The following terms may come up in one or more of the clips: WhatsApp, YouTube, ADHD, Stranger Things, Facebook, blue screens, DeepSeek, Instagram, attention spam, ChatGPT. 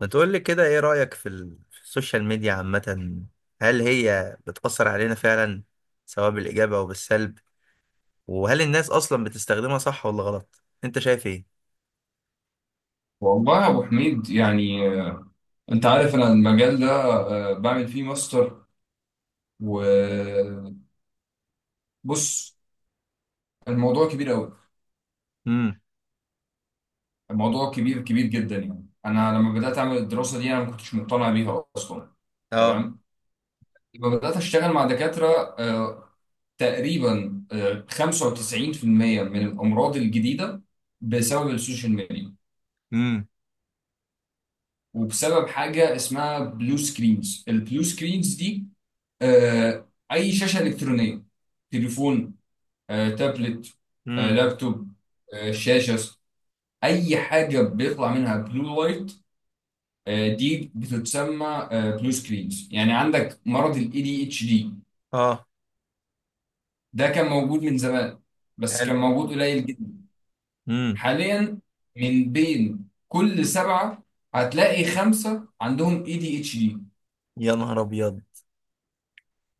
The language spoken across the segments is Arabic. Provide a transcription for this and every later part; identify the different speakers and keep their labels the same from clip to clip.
Speaker 1: ما تقول لي كده، ايه رأيك في السوشيال ميديا عامة؟ هل هي بتأثر علينا فعلا، سواء بالإيجاب أو بالسلب؟ وهل الناس أصلا بتستخدمها صح ولا غلط؟ انت شايف ايه؟
Speaker 2: والله يا ابو حميد يعني انت عارف انا المجال ده بعمل فيه ماستر. وبص، الموضوع كبير قوي.
Speaker 1: امم.
Speaker 2: الموضوع كبير كبير جدا. يعني انا لما بدات اعمل الدراسه دي انا ما كنتش مقتنع بيها اصلا.
Speaker 1: اه.
Speaker 2: تمام، لما بدات اشتغل مع دكاتره، تقريبا 95% من الامراض الجديده بسبب السوشيال ميديا،
Speaker 1: امم.
Speaker 2: وبسبب حاجه اسمها بلو سكرينز. البلو سكرينز دي اي شاشه الكترونيه: تليفون، تابلت،
Speaker 1: امم.
Speaker 2: لابتوب، شاشه، اي حاجه بيطلع منها بلو لايت، دي بتتسمى بلو سكرينز. يعني عندك مرض الاي دي اتش دي،
Speaker 1: اه.
Speaker 2: ده كان موجود من زمان بس
Speaker 1: حلو.
Speaker 2: كان موجود قليل جدا.
Speaker 1: امم.
Speaker 2: حاليا، من بين كل 7 هتلاقي 5 عندهم اي دي اتش دي.
Speaker 1: يا نهار أبيض!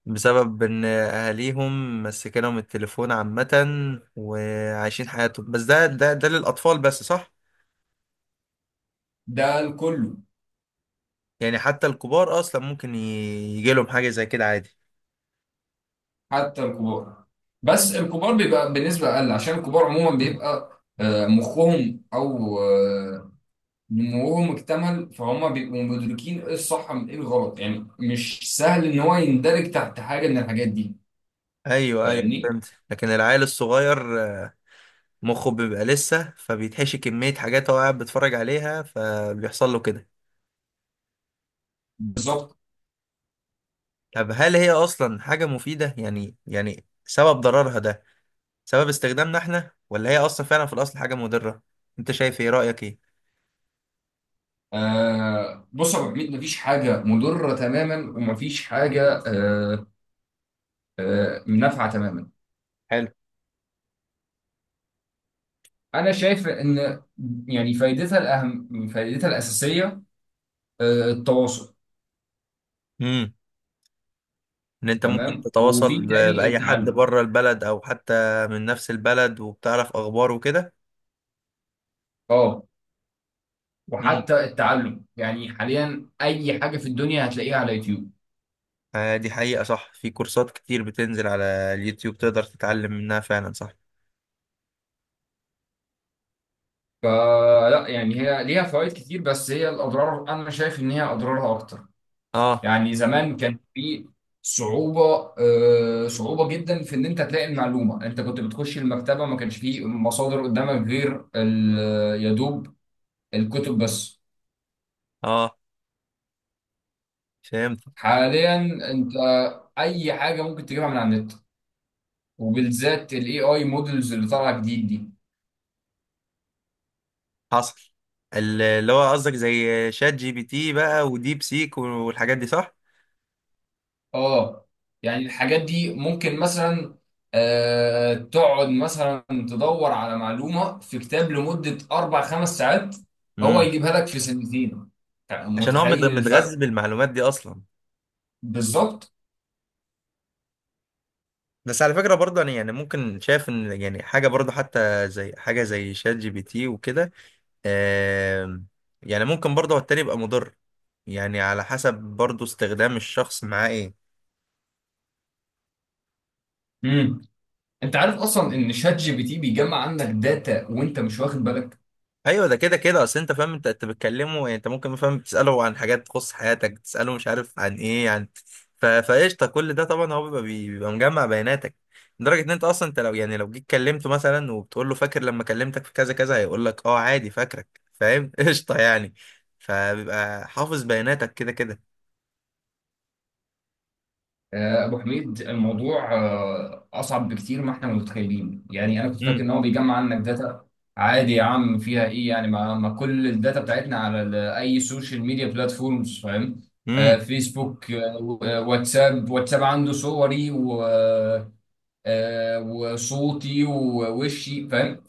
Speaker 1: بسبب ان اهاليهم مسكنهم التليفون عامة، وعايشين حياتهم. بس ده للأطفال بس، صح؟
Speaker 2: ده الكل،
Speaker 1: يعني حتى الكبار أصلا ممكن يجيلهم حاجة زي كده عادي.
Speaker 2: حتى الكبار. بس الكبار بيبقى بنسبة أقل، عشان الكبار عموما بيبقى مخهم أو نموهم اكتمل، فهم بيبقوا مدركين إيه الصح من إيه الغلط. يعني مش سهل إن هو يندرج تحت حاجة من الحاجات دي.
Speaker 1: ايوه، ايوه،
Speaker 2: فاهمني؟
Speaker 1: فهمت. لكن العيل الصغير مخه بيبقى لسه فبيتحشي كمية حاجات هو قاعد بيتفرج عليها، فبيحصل له كده.
Speaker 2: بالظبط.
Speaker 1: طب هل هي اصلا حاجة مفيدة؟ يعني سبب ضررها ده سبب استخدامنا احنا، ولا هي اصلا فعلا في الاصل حاجة مضرة؟ انت شايف ايه؟ رأيك ايه؟
Speaker 2: آه بص يا أبو حميد، مفيش حاجة مضرة تماما ومفيش حاجة نافعة تماما.
Speaker 1: حلو.
Speaker 2: أنا شايف إن يعني فايدتها الأهم، فايدتها الأساسية التواصل.
Speaker 1: امم. ان انت ممكن
Speaker 2: تمام،
Speaker 1: تتواصل
Speaker 2: وفي تاني
Speaker 1: باي حد
Speaker 2: التعلم.
Speaker 1: بره البلد او حتى من نفس البلد، وبتعرف اخباره وكده.
Speaker 2: اه،
Speaker 1: امم.
Speaker 2: وحتى التعلم، يعني حاليا اي حاجه في الدنيا هتلاقيها على يوتيوب.
Speaker 1: دي حقيقة، صح. في كورسات كتير بتنزل على اليوتيوب، تقدر تتعلم منها فعلا، صح.
Speaker 2: فلا، يعني هي ليها فوائد كتير بس هي الاضرار، انا شايف ان هي اضرارها اكتر.
Speaker 1: اه.
Speaker 2: يعني زمان كان في صعوبه، آه صعوبه جدا في ان انت تلاقي المعلومه. انت كنت بتخش المكتبه، ما كانش فيه مصادر قدامك غير يا دوب الكتب بس.
Speaker 1: اه، فهمت.
Speaker 2: حاليا، انت اي حاجه ممكن تجيبها من على النت، وبالذات الاي اي مودلز اللي طالعه جديد دي.
Speaker 1: حصل. اللي هو قصدك زي شات جي بي تي بقى، وديب سيك والحاجات دي، صح؟
Speaker 2: اه، يعني الحاجات دي ممكن مثلا تقعد مثلا تدور على معلومه في كتاب لمده 4 5 ساعات، هو
Speaker 1: امم.
Speaker 2: يجيبها لك في سنتين.
Speaker 1: عشان هو
Speaker 2: متخيل
Speaker 1: متغذي
Speaker 2: الفرق؟
Speaker 1: بالمعلومات دي اصلا.
Speaker 2: بالظبط.
Speaker 1: بس على فكرة برضه انا، يعني ممكن شايف ان، يعني حاجة برضه حتى زي حاجة زي شات جي بي تي وكده. آم، يعني ممكن برضه هو التاني يبقى مضر. يعني على حسب برضه استخدام الشخص معاه ايه.
Speaker 2: امم، انت عارف اصلا ان شات جي بي تي بيجمع عندك داتا وانت مش واخد بالك.
Speaker 1: ايوه، ده كده كده. اصل انت فاهم، انت بتكلمه، يعني انت ممكن، فاهم، تساله عن حاجات تخص حياتك، تساله مش عارف عن ايه، عن... فقشطه كل ده طبعا هو بيبقى بيبقى مجمع بياناتك. لدرجه ان انت اصلا، انت لو يعني لو جيت كلمته مثلا وبتقول له فاكر لما كلمتك في كذا كذا، هيقول لك اه عادي فاكرك، فاهم؟ قشطه يعني. فبيبقى حافظ بياناتك كده كده.
Speaker 2: أبو حميد، الموضوع أصعب بكتير ما إحنا متخيلين. يعني أنا كنت فاكر
Speaker 1: امم.
Speaker 2: إن هو بيجمع عنك داتا عادي، يا عم فيها إيه. يعني ما كل الداتا بتاعتنا على أي سوشيال ميديا بلاتفورمز؟ فاهم،
Speaker 1: امم.
Speaker 2: فيسبوك، واتساب. واتساب عنده صوري وصوتي ووشي، فاهم.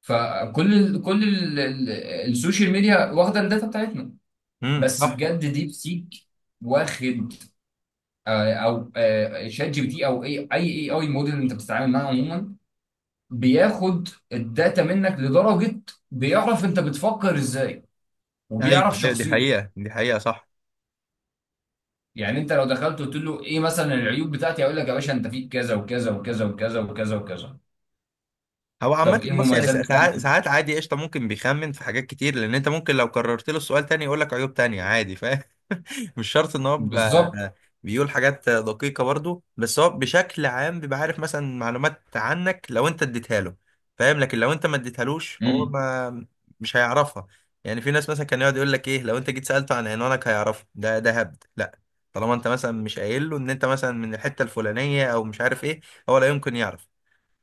Speaker 2: فكل ال كل ال ال السوشيال ميديا واخدة الداتا بتاعتنا.
Speaker 1: امم.
Speaker 2: بس
Speaker 1: صح.
Speaker 2: بجد، ديب سيك واخد، آه، او آه، شات جي بي تي، او اي موديل انت بتتعامل معاه عموما، بياخد الداتا منك لدرجه بيعرف انت بتفكر ازاي،
Speaker 1: ايوه،
Speaker 2: وبيعرف
Speaker 1: ايوه، دي
Speaker 2: شخصيتك.
Speaker 1: حقيقه، دي حقيقه، صح.
Speaker 2: يعني انت لو دخلت قلت له ايه مثلا العيوب بتاعتي، هيقول لك يا باشا انت فيك كذا وكذا وكذا وكذا وكذا وكذا.
Speaker 1: هو عامة،
Speaker 2: طب ايه
Speaker 1: بص، يعني
Speaker 2: المميزات
Speaker 1: ساعات
Speaker 2: بتاعتي؟
Speaker 1: ساعات عادي، قشطة، ممكن بيخمن في حاجات كتير، لأن أنت ممكن لو كررت له السؤال تاني يقول لك عيوب تانية عادي، فاهم. مش شرط إن هو بيبقى-
Speaker 2: بالظبط.
Speaker 1: بيقول حاجات دقيقة برضو. بس هو بشكل عام بيبقى عارف مثلا معلومات عنك لو أنت اديتها له، فاهم؟ لكن لو أنت ما اديتهالوش، هو
Speaker 2: امم،
Speaker 1: ما مش هيعرفها. يعني في ناس مثلا كان يقعد يقول لك إيه، لو أنت جيت سألته عن عنوانك هيعرفه. ده هبد، لا. طالما أنت مثلا مش قايل له إن أنت مثلا من الحتة الفلانية أو مش عارف إيه، هو لا يمكن يعرف.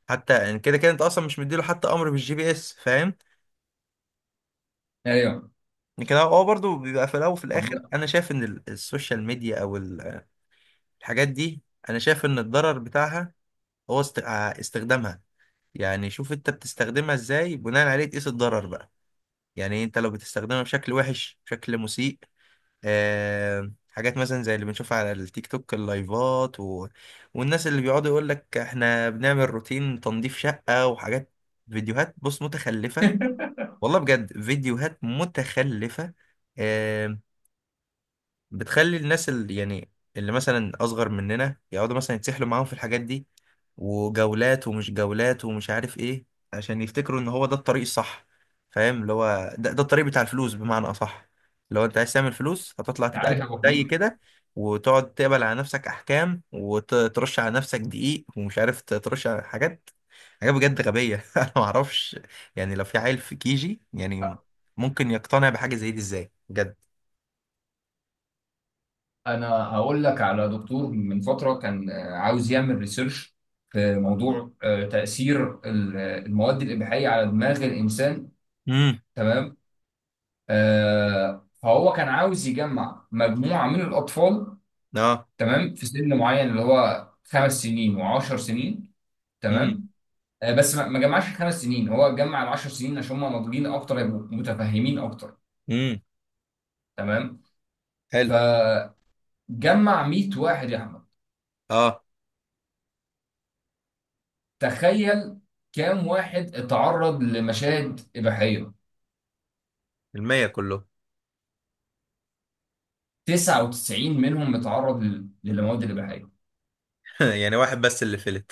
Speaker 1: حتى يعني كده كده انت اصلا مش مديله حتى امر بالجي بي اس، فاهم.
Speaker 2: ايوه.
Speaker 1: لكن هو برضه بيبقى في الاول وفي
Speaker 2: طب
Speaker 1: الاخر،
Speaker 2: انت
Speaker 1: انا شايف ان السوشيال ميديا، او الحاجات دي، انا شايف ان الضرر بتاعها هو استخدامها. يعني شوف انت بتستخدمها ازاي، بناء عليه تقيس الضرر بقى. يعني انت لو بتستخدمها بشكل وحش، بشكل مسيء، حاجات مثلا زي اللي بنشوفها على التيك توك، اللايفات و... والناس اللي بيقعدوا يقول لك احنا بنعمل روتين تنظيف شقة وحاجات. فيديوهات، بص، متخلفة. والله بجد فيديوهات متخلفة. آم، بتخلي الناس، اللي يعني اللي مثلا أصغر مننا، يقعدوا مثلا يتسحلوا معاهم في الحاجات دي، وجولات ومش جولات ومش عارف إيه، عشان يفتكروا إن هو ده الطريق الصح. فاهم، اللي هو ده الطريق بتاع الفلوس، بمعنى أصح. لو أنت عايز تعمل فلوس، هتطلع تبقى
Speaker 2: عارف يا ابو
Speaker 1: زي
Speaker 2: حميد،
Speaker 1: كده، وتقعد تقبل على نفسك أحكام وترش على نفسك دقيق ومش عارف ترش على حاجات. حاجة بجد غبية. أنا معرفش، يعني لو في عيل في كيجي، يعني ممكن يقتنع بحاجة زي دي إزاي، بجد؟
Speaker 2: انا هقول لك على دكتور من فتره كان عاوز يعمل ريسيرش في موضوع تاثير المواد الاباحيه على دماغ الانسان.
Speaker 1: امم.
Speaker 2: تمام، فهو كان عاوز يجمع مجموعه من الاطفال.
Speaker 1: اه.
Speaker 2: تمام، في سن معين، اللي هو 5 سنين و10 سنين.
Speaker 1: امم.
Speaker 2: تمام، بس ما جمعش الـ5 سنين، هو جمع الـ10 سنين عشان هم ناضجين اكتر، يبقوا متفهمين اكتر.
Speaker 1: امم.
Speaker 2: تمام،
Speaker 1: حلو.
Speaker 2: فجمع 100 واحد يا احمد.
Speaker 1: اه.
Speaker 2: تخيل، كام واحد اتعرض لمشاهد إباحية؟
Speaker 1: 100 كله؟
Speaker 2: 99 منهم اتعرض للمواد الإباحية،
Speaker 1: يعني واحد بس اللي فلت.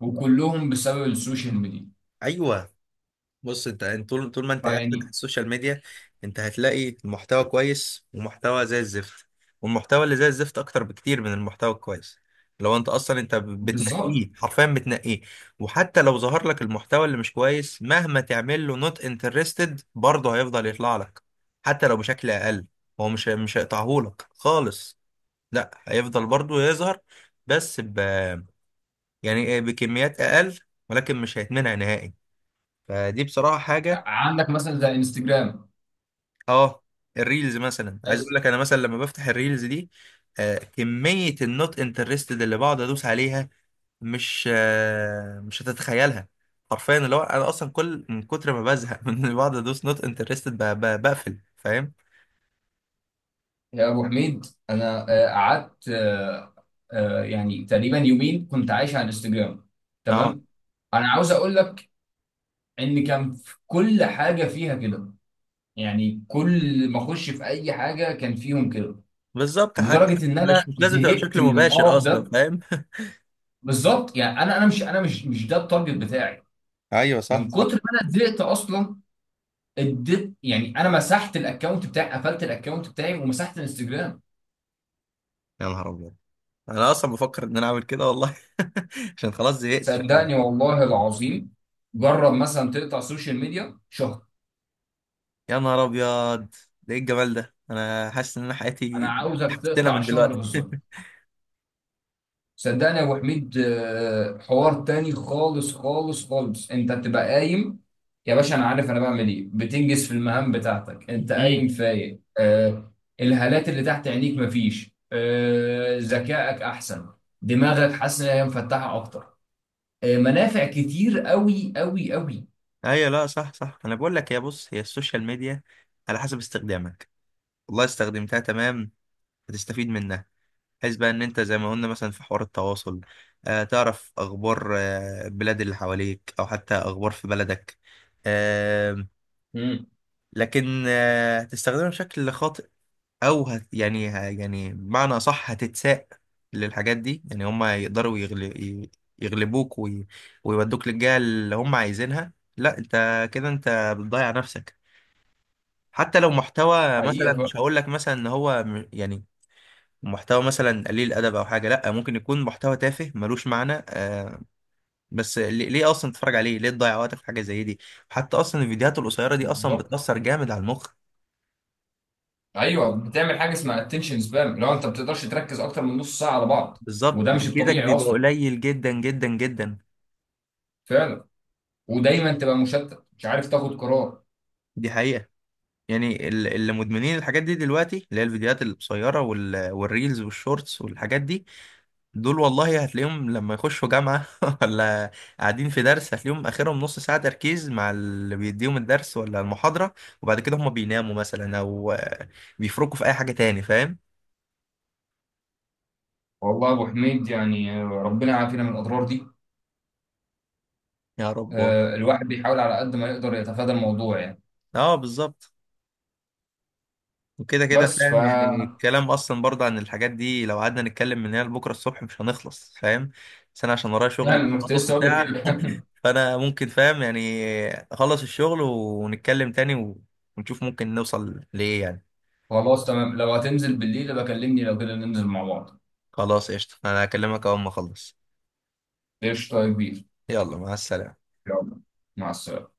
Speaker 2: وكلهم بسبب السوشيال ميديا.
Speaker 1: أيوه. بص انت طول طول ما انت قاعد فاتح
Speaker 2: فيعني
Speaker 1: السوشيال ميديا، انت هتلاقي محتوى كويس ومحتوى زي الزفت. والمحتوى اللي زي الزفت اكتر بكتير من المحتوى الكويس. لو انت اصلا انت
Speaker 2: بالظبط.
Speaker 1: بتنقيه، حرفيا بتنقيه. وحتى لو ظهر لك المحتوى اللي مش كويس، مهما تعمل له نوت انترستد، برضه هيفضل يطلع لك، حتى لو بشكل اقل. هو مش هيقطعهولك خالص. لا، هيفضل برضه يظهر. بس ب يعني إيه، بكميات اقل، ولكن مش هيتمنع نهائي. فدي بصراحة حاجة.
Speaker 2: عندك مثلا زي انستجرام.
Speaker 1: اه. الريلز مثلا، عايز اقول لك، انا مثلا لما بفتح الريلز دي، كمية النوت انترستد اللي بقعد ادوس عليها، مش هتتخيلها. حرفيا اللي هو انا اصلا كل، من كتر ما بزهق من اللي بقعد ادوس نوت انترستد، بقفل، فاهم.
Speaker 2: يا أبو حميد، أنا قعدت، يعني تقريبا يومين كنت عايش على انستجرام.
Speaker 1: اه،
Speaker 2: تمام، أنا عاوز أقول لك إن كان في كل حاجة فيها كده. يعني كل ما أخش في أي حاجة كان فيهم كده،
Speaker 1: بالظبط. حتى
Speaker 2: لدرجه ان
Speaker 1: مش
Speaker 2: انا
Speaker 1: مش لازم تبقى
Speaker 2: زهقت
Speaker 1: بشكل
Speaker 2: من
Speaker 1: مباشر
Speaker 2: القرف
Speaker 1: اصلا،
Speaker 2: ده.
Speaker 1: فاهم.
Speaker 2: بالظبط. يعني انا مش ده التارجت بتاعي.
Speaker 1: ايوه، صح،
Speaker 2: من كتر
Speaker 1: صح.
Speaker 2: ما انا زهقت اصلا، اديت، يعني انا مسحت الاكونت بتاعي، قفلت الاكونت بتاعي ومسحت الانستجرام.
Speaker 1: يا نهار ابيض! انا اصلا بفكر ان انا اعمل كده والله. عشان خلاص زهقت فعلا.
Speaker 2: صدقني والله العظيم، جرب مثلا تقطع سوشيال ميديا شهر.
Speaker 1: يا نهار ابيض! ده ايه الجمال ده! انا حاسس ان انا
Speaker 2: انا
Speaker 1: حياتي...
Speaker 2: عاوزك
Speaker 1: حسنا،
Speaker 2: تقطع
Speaker 1: من
Speaker 2: شهر
Speaker 1: دلوقتي.
Speaker 2: بالظبط. صدقني يا ابو حميد، حوار تاني خالص خالص خالص. انت بتبقى قايم يا باشا انا عارف انا بعمل ايه، بتنجز في المهام بتاعتك، انت
Speaker 1: امم.
Speaker 2: قايم فايق، الهالات اللي تحت عينيك مفيش، ذكائك احسن، دماغك حاسس ان هي مفتحه اكتر. منافع كتير قوي قوي قوي.
Speaker 1: ايوه، لا، صح، صح، انا بقول لك، يا، بص، هي السوشيال ميديا على حسب استخدامك. والله استخدمتها تمام، هتستفيد منها، بحيث بقى ان انت زي ما قلنا مثلا في حوار التواصل، تعرف اخبار البلاد اللي حواليك او حتى اخبار في بلدك. آه
Speaker 2: امم،
Speaker 1: لكن هتستخدمها بشكل خاطئ، او يعني، يعني بمعنى صح، هتتساق للحاجات دي. يعني هم يقدروا يغلبوك ويودوك للجهة اللي هم عايزينها. لا، انت كده انت بتضيع نفسك. حتى لو محتوى مثلا،
Speaker 2: حقيقه فعلا.
Speaker 1: مش هقول لك مثلا ان هو يعني محتوى مثلا قليل ادب او حاجه، لا، ممكن يكون محتوى تافه ملوش معنى. بس ليه اصلا تتفرج عليه؟ ليه تضيع وقتك في حاجه زي دي؟ حتى اصلا الفيديوهات القصيره دي اصلا
Speaker 2: بالظبط.
Speaker 1: بتاثر جامد على المخ.
Speaker 2: ايوه، بتعمل حاجه اسمها اتنشن سبام. لو انت ما بتقدرش تركز اكتر من نص ساعه على بعض،
Speaker 1: بالظبط،
Speaker 2: وده مش
Speaker 1: تركيزك
Speaker 2: الطبيعي
Speaker 1: بيبقى
Speaker 2: اصلا.
Speaker 1: قليل جدا جدا جدا.
Speaker 2: فعلا، ودايما تبقى مشتت، مش عارف تاخد قرار.
Speaker 1: دي حقيقه. يعني اللي مدمنين الحاجات دي دلوقتي، اللي هي الفيديوهات القصيرة والريلز والشورتس والحاجات دي، دول والله هتلاقيهم لما يخشوا جامعة ولا قاعدين في درس، هتلاقيهم آخرهم نص ساعة تركيز مع اللي بيديهم الدرس ولا المحاضرة. وبعد كده هم بيناموا مثلا أو بيفركوا في أي حاجة تاني، فاهم؟
Speaker 2: والله يا ابو حميد يعني ربنا يعافينا من الاضرار دي.
Speaker 1: يا رب، والله.
Speaker 2: الواحد بيحاول على قد ما يقدر يتفادى الموضوع يعني.
Speaker 1: اه، بالظبط. وكده كده
Speaker 2: بس ف
Speaker 1: فاهم، يعني الكلام اصلا برضه عن الحاجات دي لو قعدنا نتكلم من هنا لبكره الصبح مش هنخلص، فاهم. بس انا عشان ورايا
Speaker 2: يعني
Speaker 1: شغل،
Speaker 2: أنا كنت
Speaker 1: نص
Speaker 2: لسه اقول لك
Speaker 1: ساعه،
Speaker 2: كده.
Speaker 1: فانا ممكن، فاهم، يعني اخلص الشغل ونتكلم تاني ونشوف ممكن نوصل لايه، يعني.
Speaker 2: خلاص تمام، لو هتنزل بالليل بكلمني لو كده ننزل مع بعض.
Speaker 1: خلاص، قشطة، انا هكلمك اول ما اخلص.
Speaker 2: قشطه يا كبير.
Speaker 1: يلا، مع السلامة.
Speaker 2: يلا مع السلامه.